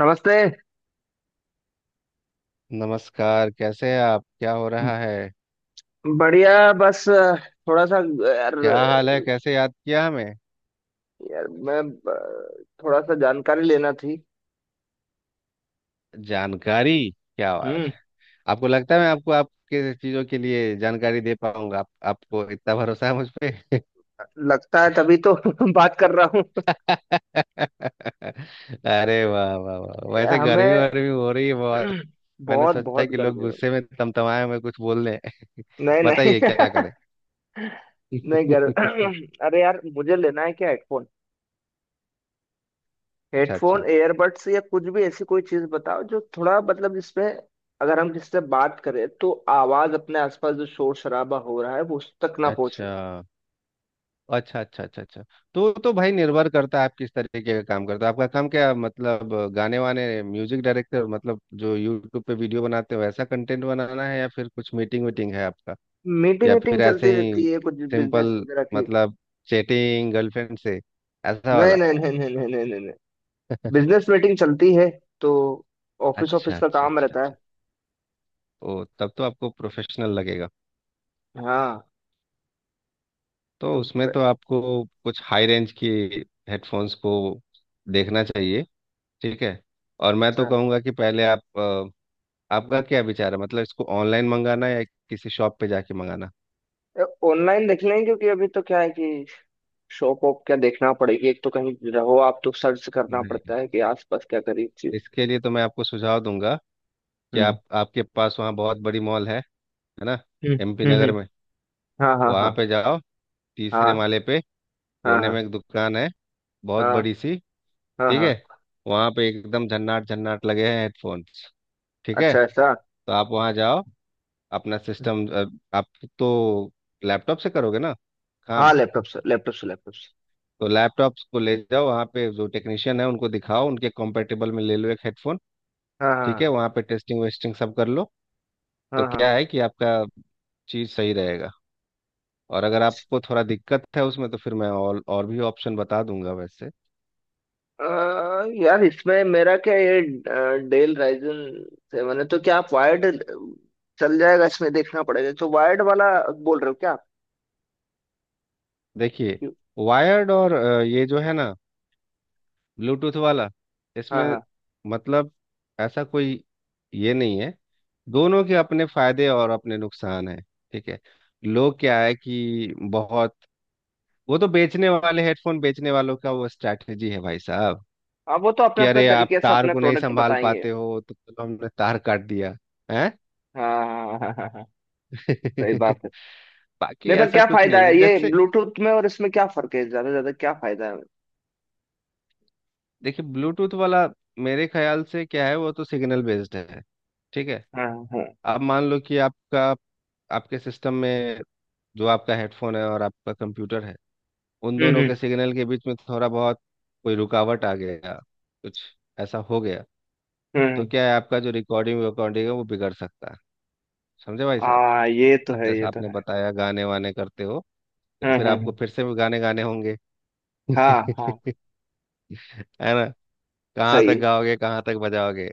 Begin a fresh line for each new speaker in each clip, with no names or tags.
नमस्ते।
नमस्कार, कैसे हैं आप? क्या हो
ब-
रहा है?
बढ़िया, बस थोड़ा सा, यार।
क्या हाल है? कैसे याद किया हमें?
यार मैं थोड़ा सा जानकारी लेना थी।
जानकारी? क्या बात
हम्म।
है। आपको लगता है मैं आपको आपके चीजों के लिए जानकारी दे पाऊंगा? आप, आपको इतना भरोसा है मुझ पे?
लगता है तभी तो बात कर रहा हूँ।
अरे वाह वाह वाह। वैसे
यार,
गर्मी
हमें
वर्मी हो रही है बहुत? मैंने
बहुत
सोचा
बहुत
कि लोग
गर्मी हो
गुस्से में तमतमाए हुए कुछ बोल रहे हैं।
रही। नहीं,
बताइए क्या
नहीं।
करें।
नहीं गर अरे यार, मुझे लेना है क्या हेडफोन?
अच्छा
हेडफोन,
अच्छा
एयरबड्स या कुछ भी ऐसी कोई चीज बताओ जो थोड़ा मतलब जिसमें अगर हम किससे बात करें तो आवाज अपने आसपास जो शोर शराबा हो रहा है वो उस तक ना पहुंचे।
अच्छा अच्छा। अच्छा अच्छा अच्छा। तो भाई, निर्भर करता है आप किस तरीके का काम करते हो। आपका काम क्या? मतलब गाने वाने, म्यूजिक डायरेक्टर, मतलब जो यूट्यूब पे वीडियो बनाते हो वैसा कंटेंट बनाना है, या फिर कुछ मीटिंग वीटिंग है आपका?
मीटिंग
या फिर
वीटिंग चलती
ऐसे ही
रहती है, कुछ बिजनेस
सिंपल,
वगैरह की।
मतलब चैटिंग, गर्लफ्रेंड से, ऐसा
नहीं,
वाला?
नहीं, नहीं, नहीं, नहीं, नहीं, नहीं, नहीं। बिजनेस मीटिंग चलती है तो ऑफिस
अच्छा
ऑफिस का
अच्छा
काम
अच्छा
रहता है।
अच्छा। ओ, तब तो आपको प्रोफेशनल लगेगा।
हाँ।
तो
तो
उसमें तो आपको कुछ हाई रेंज की हेडफोन्स को देखना चाहिए। ठीक है। और मैं तो
अच्छा,
कहूँगा कि पहले आप, आपका क्या विचार है, मतलब इसको ऑनलाइन मंगाना या किसी शॉप पे जाके मंगाना?
ऑनलाइन देख लें क्योंकि अभी तो क्या है कि शॉप वॉप क्या देखना पड़ेगी। एक तो कहीं रहो आप तो सर्च करना
नहीं,
पड़ता है कि आसपास क्या करी चीज।
इसके लिए तो मैं आपको सुझाव दूंगा कि
हम्म,
आप, आपके पास वहाँ बहुत बड़ी मॉल है ना,
हम्म।
एमपी
हम्म,
नगर में।
हाँ हाँ,
वहाँ
हाँ,
पे जाओ, तीसरे
हाँ।
माले पे
हाँ,
कोने
हाँ।
में एक दुकान है बहुत
हाँ,
बड़ी सी।
हाँ,
ठीक है।
हाँ।
वहाँ पे एकदम झन्नाट झन्नाट लगे हैं हेडफोन्स। ठीक है।
अच्छा, ऐसा।
तो आप वहाँ जाओ। अपना सिस्टम आप तो लैपटॉप से करोगे ना
हाँ,
काम?
लैपटॉप से लैपटॉप से लैपटॉप से।
तो लैपटॉप को ले जाओ वहाँ पे, जो टेक्नीशियन है उनको दिखाओ, उनके कॉम्पेटेबल में ले लो एक हेडफोन।
हाँ,
ठीक है,
हाँ।
वहाँ पे टेस्टिंग वेस्टिंग सब कर लो। तो
हाँ, हाँ।
क्या है कि आपका चीज़ सही रहेगा। और अगर आपको थोड़ा दिक्कत है उसमें तो फिर मैं और भी ऑप्शन बता दूंगा वैसे।
अ, यार, इसमें मेरा क्या ये डेल राइजन 7 है तो क्या आप वायर्ड चल जाएगा इसमें देखना पड़ेगा। तो वायर्ड वाला बोल रहे हो क्या आप?
देखिए,
क्यों?
वायर्ड और ये जो है ना, ब्लूटूथ वाला,
हाँ,
इसमें
हाँ,
मतलब ऐसा कोई ये नहीं है। दोनों के अपने फायदे और अपने नुकसान हैं। ठीक है। लोग क्या है कि बहुत, वो तो बेचने वाले, हेडफोन बेचने वालों का वो स्ट्रैटेजी है भाई साहब,
हाँ। वो तो अपने
कि
अपने
अरे आप
तरीके से
तार
अपने
को नहीं
प्रोडक्ट
संभाल
बताएंगे।
पाते हो तो चलो हमने तार काट दिया है।
हाँ, हाँ, हाँ, हाँ, हाँ। सही बात है।
बाकी
नहीं, पर
ऐसा
क्या
कुछ
फायदा
नहीं
है
है।
ये
जैसे,
ब्लूटूथ में और इसमें क्या फर्क है? ज्यादा से ज्यादा क्या फायदा है?
देखिए, ब्लूटूथ वाला मेरे ख्याल से क्या है, वो तो सिग्नल बेस्ड है। ठीक है।
हाँ। हाँ।
अब मान लो कि आपका, आपके सिस्टम में जो आपका हेडफोन है और आपका कंप्यूटर है, उन
हम्म,
दोनों
हम्म।
के सिग्नल के बीच में थोड़ा बहुत कोई रुकावट आ गया, कुछ ऐसा हो गया, तो
हम्म।
क्या है, आपका जो रिकॉर्डिंग रिकॉर्डिंग है वो बिगड़ सकता है। समझे भाई साहब?
हाँ, ये तो है, ये
जैसा
तो
आपने
है।
बताया गाने वाने करते हो, तो
हाँ,
फिर
हाँ,
आपको फिर से गाने गाने होंगे।
हाँ, हाँ, हाँ।
है ना? कहाँ तक
सही
गाओगे, कहाँ तक बजाओगे?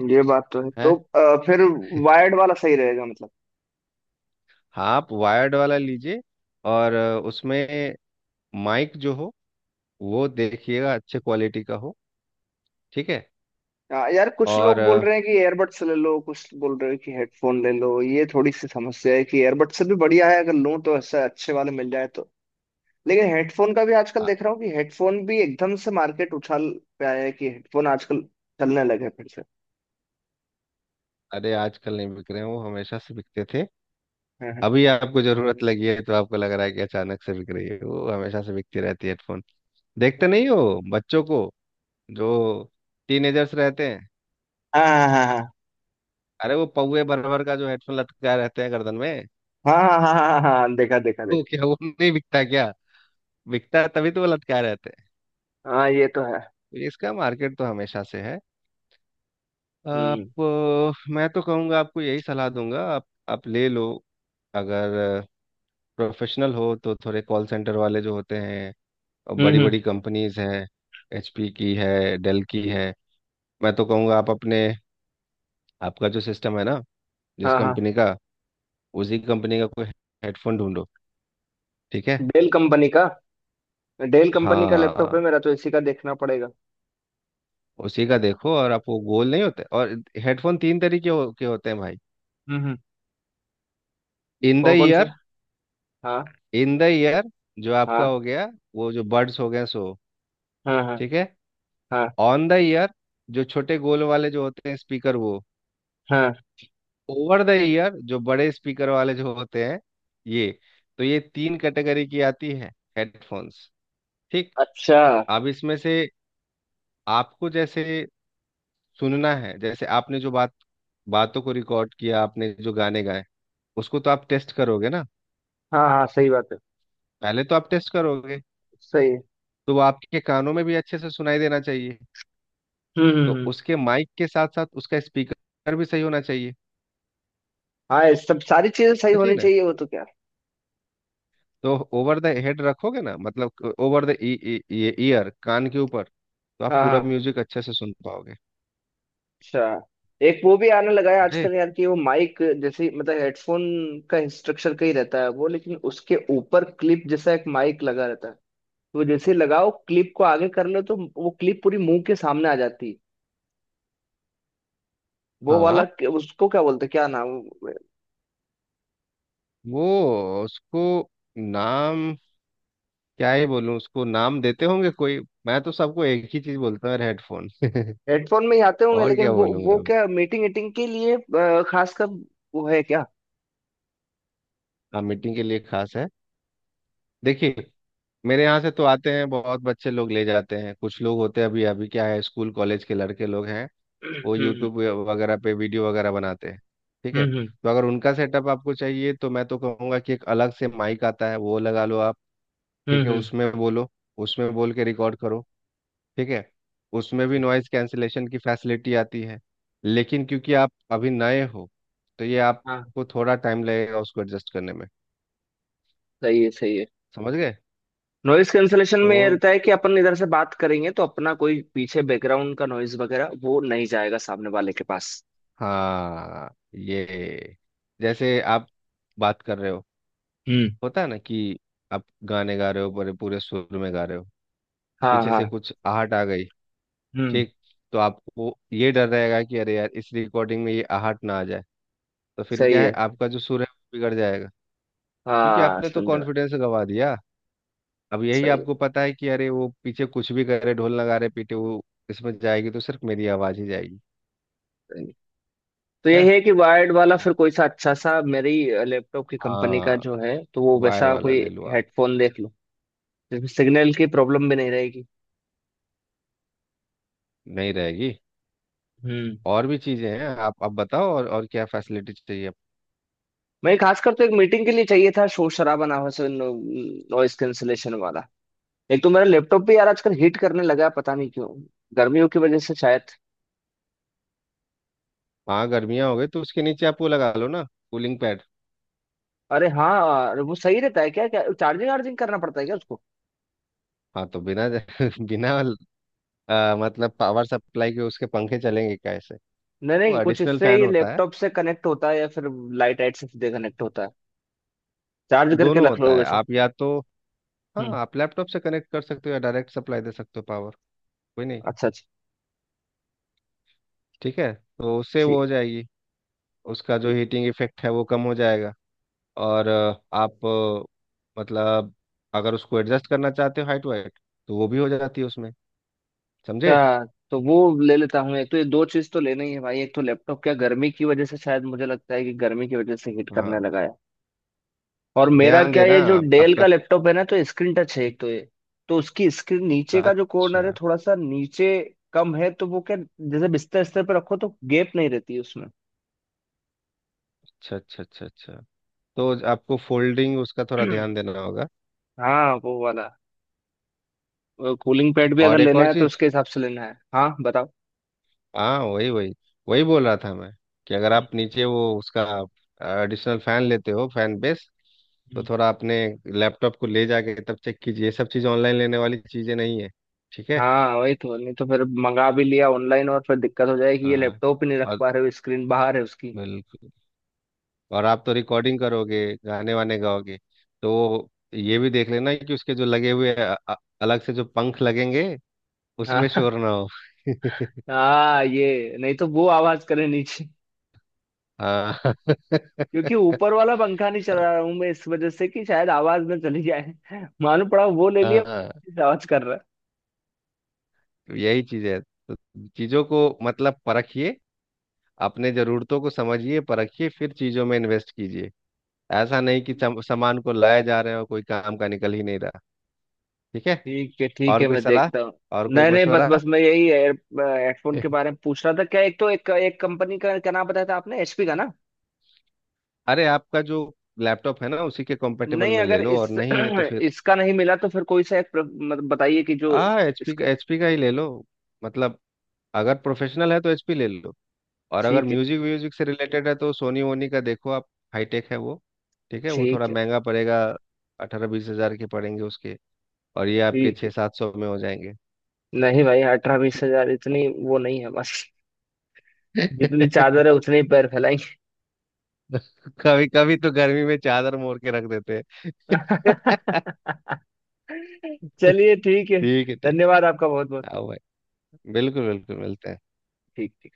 है ये बात तो है। तो
हैं?
फिर वायर्ड वाला सही रहेगा, मतलब?
हाँ, आप वायर्ड वाला लीजिए। और उसमें माइक जो हो वो देखिएगा अच्छे क्वालिटी का हो। ठीक है।
हाँ, यार, कुछ
और
लोग बोल
अ,
रहे हैं कि एयरबड्स ले लो, कुछ बोल रहे हैं कि हेडफोन ले लो। ये थोड़ी सी समस्या है कि एयरबड्स से भी बढ़िया है अगर लूँ तो ऐसे अच्छे वाले मिल जाए तो। लेकिन हेडफोन का भी आजकल
अ-
देख रहा हूँ कि हेडफोन भी एकदम से मार्केट उछाल पे आया है कि हेडफोन आजकल चलने लगे फिर से।
अरे आजकल नहीं बिक रहे हैं, वो हमेशा से बिकते थे।
हाँ,
अभी आपको जरूरत लगी है तो आपको लग रहा है कि अचानक से बिक रही है, वो हमेशा से बिकती रहती है हेडफोन। देखते नहीं हो बच्चों को, जो टीनेजर्स रहते हैं?
हाँ, हाँ,
अरे वो पौए भर भर का जो हेडफोन लटकाए रहते हैं गर्दन में।
हाँ, हाँ, हाँ, हाँ, हाँ, हाँ, हाँ, हाँ, हाँ, देखा, देखा,
तो
देखा।
क्या वो नहीं बिकता क्या? बिकता है तभी तो वो लटका रहते हैं।
हाँ, ये तो है।
तो इसका मार्केट तो हमेशा से है।
हम्म,
आप मैं तो कहूँगा आपको यही सलाह दूंगा, आप ले लो। अगर प्रोफेशनल हो तो थोड़े कॉल सेंटर वाले जो होते हैं और
हम्म,
बड़ी
हम्म।
बड़ी कंपनीज हैं, एचपी की है, डेल की है। मैं तो कहूँगा आप अपने, आपका जो सिस्टम है ना, जिस
हाँ, हाँ।
कंपनी का, उसी कंपनी का कोई हेडफोन ढूंढो। ठीक है।
डेल कंपनी का डेल कंपनी का
हाँ,
लैपटॉप है मेरा तो इसी का देखना पड़ेगा।
उसी का देखो। और आप, वो गोल नहीं होते। और हेडफोन तीन तरीके के होते हैं भाई।
हम्म, हम्म।
इन द
कौन कौन से?
ईयर,
हाँ।
इन द ईयर जो आपका
हाँ,
हो गया, वो जो बर्ड्स हो गए सो।
हाँ, हाँ,
ठीक है।
हाँ।
ऑन द ईयर, जो छोटे गोल वाले जो होते हैं स्पीकर वो।
हाँ।
ओवर द ईयर, जो बड़े स्पीकर वाले जो होते हैं ये। तो ये तीन कैटेगरी की आती है हेडफोन्स। ठीक।
अच्छा।
अब इसमें से आपको जैसे सुनना है, जैसे आपने जो बातों को रिकॉर्ड किया, आपने जो गाने गाए, उसको तो आप टेस्ट करोगे ना?
हाँ, हाँ, सही बात है।
पहले तो आप टेस्ट करोगे,
सही है।
तो वो आपके कानों में भी अच्छे से सुनाई देना चाहिए।
हम्म, हम्म,
तो उसके माइक के साथ साथ उसका स्पीकर भी सही होना चाहिए।
हाँ, ये सब सारी चीजें सही
होना चाहिए
होनी
ना।
चाहिए वो तो क्या।
तो ओवर द हेड रखोगे ना, मतलब ओवर द ईयर, कान के ऊपर, तो आप
हाँ,
पूरा
हाँ।
म्यूजिक अच्छे से सुन पाओगे।
अच्छा, एक वो भी आने लगा है
समझे?
आजकल, यार, कि वो माइक जैसे मतलब हेडफोन का स्ट्रक्चर का ही रहता है वो, लेकिन उसके ऊपर क्लिप जैसा एक माइक लगा रहता है। तो जैसे लगाओ क्लिप को आगे कर लो तो वो क्लिप पूरी मुंह के सामने आ जाती है। वो वाला,
हाँ,
उसको क्या बोलते हैं, क्या नाम?
वो उसको नाम, क्या ही बोलूं उसको, नाम देते होंगे कोई, मैं तो सबको एक ही चीज बोलता हूँ, हेडफोन।
हेडफोन में ही आते होंगे
और
लेकिन
क्या
वो
बोलूंगा?
क्या मीटिंग मीटिंग के लिए खासकर। वो है क्या?
हाँ, मीटिंग के लिए खास है। देखिए, मेरे यहाँ से तो आते हैं बहुत बच्चे लोग, ले जाते हैं। कुछ लोग होते हैं, अभी अभी क्या है, स्कूल कॉलेज के लड़के लोग हैं,
हम्म,
वो
हम्म,
यूट्यूब वगैरह पे वीडियो वगैरह बनाते हैं। ठीक है।
हम्म,
तो अगर उनका सेटअप आपको चाहिए तो मैं तो कहूँगा कि एक अलग से माइक आता है, वो लगा लो आप।
हम्म,
ठीक है,
हम्म।
उसमें बोलो, उसमें बोल के रिकॉर्ड करो। ठीक है। उसमें भी नॉइज़ कैंसिलेशन की फैसिलिटी आती है, लेकिन क्योंकि आप अभी नए हो तो ये
हाँ,
आपको थोड़ा टाइम लगेगा उसको एडजस्ट करने में।
सही है, सही है।
समझ गए?
नॉइज कैंसलेशन में ये
तो
रहता है कि अपन इधर से बात करेंगे तो अपना कोई पीछे बैकग्राउंड का नॉइज वगैरह वो नहीं जाएगा सामने वाले के पास।
हाँ, ये जैसे आप बात कर रहे हो,
हम्म।
होता है ना कि आप गाने गा रहे हो, पूरे पूरे सुर में गा रहे हो,
हाँ,
पीछे से
हाँ।
कुछ आहट आ गई,
हम्म।
ठीक, तो आपको ये डर रहेगा कि अरे यार, इस रिकॉर्डिंग में ये आहट ना आ जाए, तो फिर
सही
क्या है,
है।
आपका जो सुर है वो बिगड़ जाएगा। क्योंकि
हाँ,
आपने तो
समझा।
कॉन्फिडेंस गंवा दिया। अब यही
सही है।
आपको पता है कि अरे वो पीछे कुछ भी करे, ढोल नगाड़े पीटे, वो इसमें जाएगी तो सिर्फ मेरी आवाज ही जाएगी।
सही है। तो
है
यही है कि वायर्ड वाला
तो।
फिर कोई सा अच्छा सा मेरी लैपटॉप की कंपनी का
हाँ,
जो है तो वो
वायर
वैसा
वाला
कोई
ले लो आप।
हेडफोन देख लो जिसमें सिग्नल की प्रॉब्लम भी नहीं रहेगी।
नहीं रहेगी।
हम्म।
और भी चीजें हैं, आप बताओ, और क्या फैसिलिटी चाहिए?
मैं खासकर तो एक मीटिंग के लिए चाहिए था, शोर शराबा ना हो, नॉइस कैंसलेशन वाला। एक तो मेरा लैपटॉप भी यार आजकल हीट करने लगा है, पता नहीं क्यों, गर्मियों की वजह से शायद।
हाँ, गर्मियाँ हो गई तो उसके नीचे आप वो लगा लो ना, कूलिंग पैड।
अरे हाँ, अरे वो सही रहता है क्या? क्या चार्जिंग वार्जिंग करना पड़ता है क्या उसको?
हाँ, तो बिना बिना मतलब पावर सप्लाई के, उसके पंखे चलेंगे कैसे?
नहीं, नहीं,
वो
कुछ
एडिशनल
इससे
फैन
ही
होता है।
लैपटॉप से कनेक्ट होता है या फिर लाइट लाइट से सीधे कनेक्ट होता है? चार्ज करके
दोनों
रख लो
होता है
वैसे।
आप, या तो, हाँ,
हम्म।
आप लैपटॉप से कनेक्ट कर सकते हो या डायरेक्ट सप्लाई दे सकते हो पावर। कोई नहीं।
अच्छा, अच्छा।
ठीक है। तो उससे वो
ठीक।
हो जाएगी, उसका जो हीटिंग इफेक्ट है वो कम हो जाएगा। और आप मतलब अगर उसको एडजस्ट करना चाहते हो हाइट वाइट, तो वो भी हो जाती है उसमें। समझे?
अच्छा। तो वो ले लेता हूँ। एक तो ये दो चीज तो लेना ही है भाई। एक तो लैपटॉप क्या गर्मी की वजह से शायद मुझे लगता है कि गर्मी की वजह से हीट करने
हाँ,
लगा है। और मेरा
ध्यान
क्या
देना
ये जो डेल
आपका,
का लैपटॉप है ना तो स्क्रीन टच है, एक तो ये। तो उसकी स्क्रीन
अच्छा
नीचे का जो
अच्छा
कॉर्नर है थोड़ा सा नीचे कम है तो वो क्या जैसे बिस्तर बिस्तर पे रखो तो गैप नहीं रहती उसमें।
अच्छा अच्छा अच्छा, तो आपको फोल्डिंग उसका थोड़ा ध्यान देना होगा।
हाँ, वो वाला कूलिंग पैड भी अगर
और एक
लेना
और
है तो
चीज,
उसके हिसाब से लेना है। हाँ, बताओ।
हाँ, वही वही वही बोल रहा था मैं, कि अगर
हम्म,
आप नीचे वो उसका एडिशनल फैन लेते हो, फैन बेस, तो
हम्म।
थोड़ा अपने लैपटॉप को ले जाके तब चेक कीजिए, ये सब चीज़ ऑनलाइन लेने वाली चीज़ें नहीं है। ठीक है।
हाँ, वही तो। नहीं तो फिर मंगा भी लिया ऑनलाइन और फिर दिक्कत हो जाएगी, ये
हाँ,
लैपटॉप ही नहीं रख
और
पा रहे हो, स्क्रीन बाहर है उसकी।
बिल्कुल, और आप तो रिकॉर्डिंग करोगे, गाने वाने गाओगे, तो ये भी देख लेना कि उसके जो लगे हुए अलग से जो पंख लगेंगे
हाँ
उसमें शोर ना हो।
हाँ, ये नहीं तो वो आवाज करे नीचे, क्योंकि ऊपर वाला पंखा नहीं चला रहा हूं मैं इस वजह से कि शायद आवाज में चली जाए। मालूम पड़ा वो ले
हाँ
लिया।
हाँ।
आवाज कर रहा है।
तो यही चीज है, तो चीजों को मतलब परखिए, अपने जरूरतों को समझिए, परखिए, फिर चीजों में इन्वेस्ट कीजिए। ऐसा नहीं कि सामान को लाए जा रहे हो कोई काम का निकल ही नहीं रहा। ठीक है।
ठीक है, ठीक
और
है,
कोई
मैं
सलाह,
देखता हूँ।
और कोई
नहीं, नहीं, बस
मशवरा?
बस मैं यही हेडफोन के बारे में पूछ रहा था क्या। एक तो एक एक कंपनी का नाम बताया था आपने, एचपी का, ना?
अरे, आपका जो लैपटॉप है ना, उसी के कंपेटेबल
नहीं,
में ले
अगर
लो, और
इस
नहीं है तो फिर,
इसका नहीं मिला तो फिर कोई सा एक मतलब बताइए कि जो
आ, एचपी का,
इसका।
एचपी का ही ले लो। मतलब अगर प्रोफेशनल है तो एचपी ले लो, और अगर
ठीक है,
म्यूजिक व्यूजिक से रिलेटेड है तो सोनी वोनी का देखो आप। हाईटेक है वो। ठीक है, वो थोड़ा
ठीक है,
महंगा पड़ेगा। 18-20 हजार के पड़ेंगे उसके, और ये आपके
ठीक
छः
है।
सात सौ में हो जाएंगे।
नहीं भाई, 18-20 हजार इतनी वो नहीं है बस। जितनी चादर है उतने ही पैर
कभी कभी तो गर्मी में चादर मोड़ के रख देते हैं।
फैलाएंगे। चलिए, ठीक है।
ठीक है। ठीक।
धन्यवाद आपका बहुत बहुत।
आओ भाई, बिल्कुल बिल्कुल, मिलते हैं।
ठीक।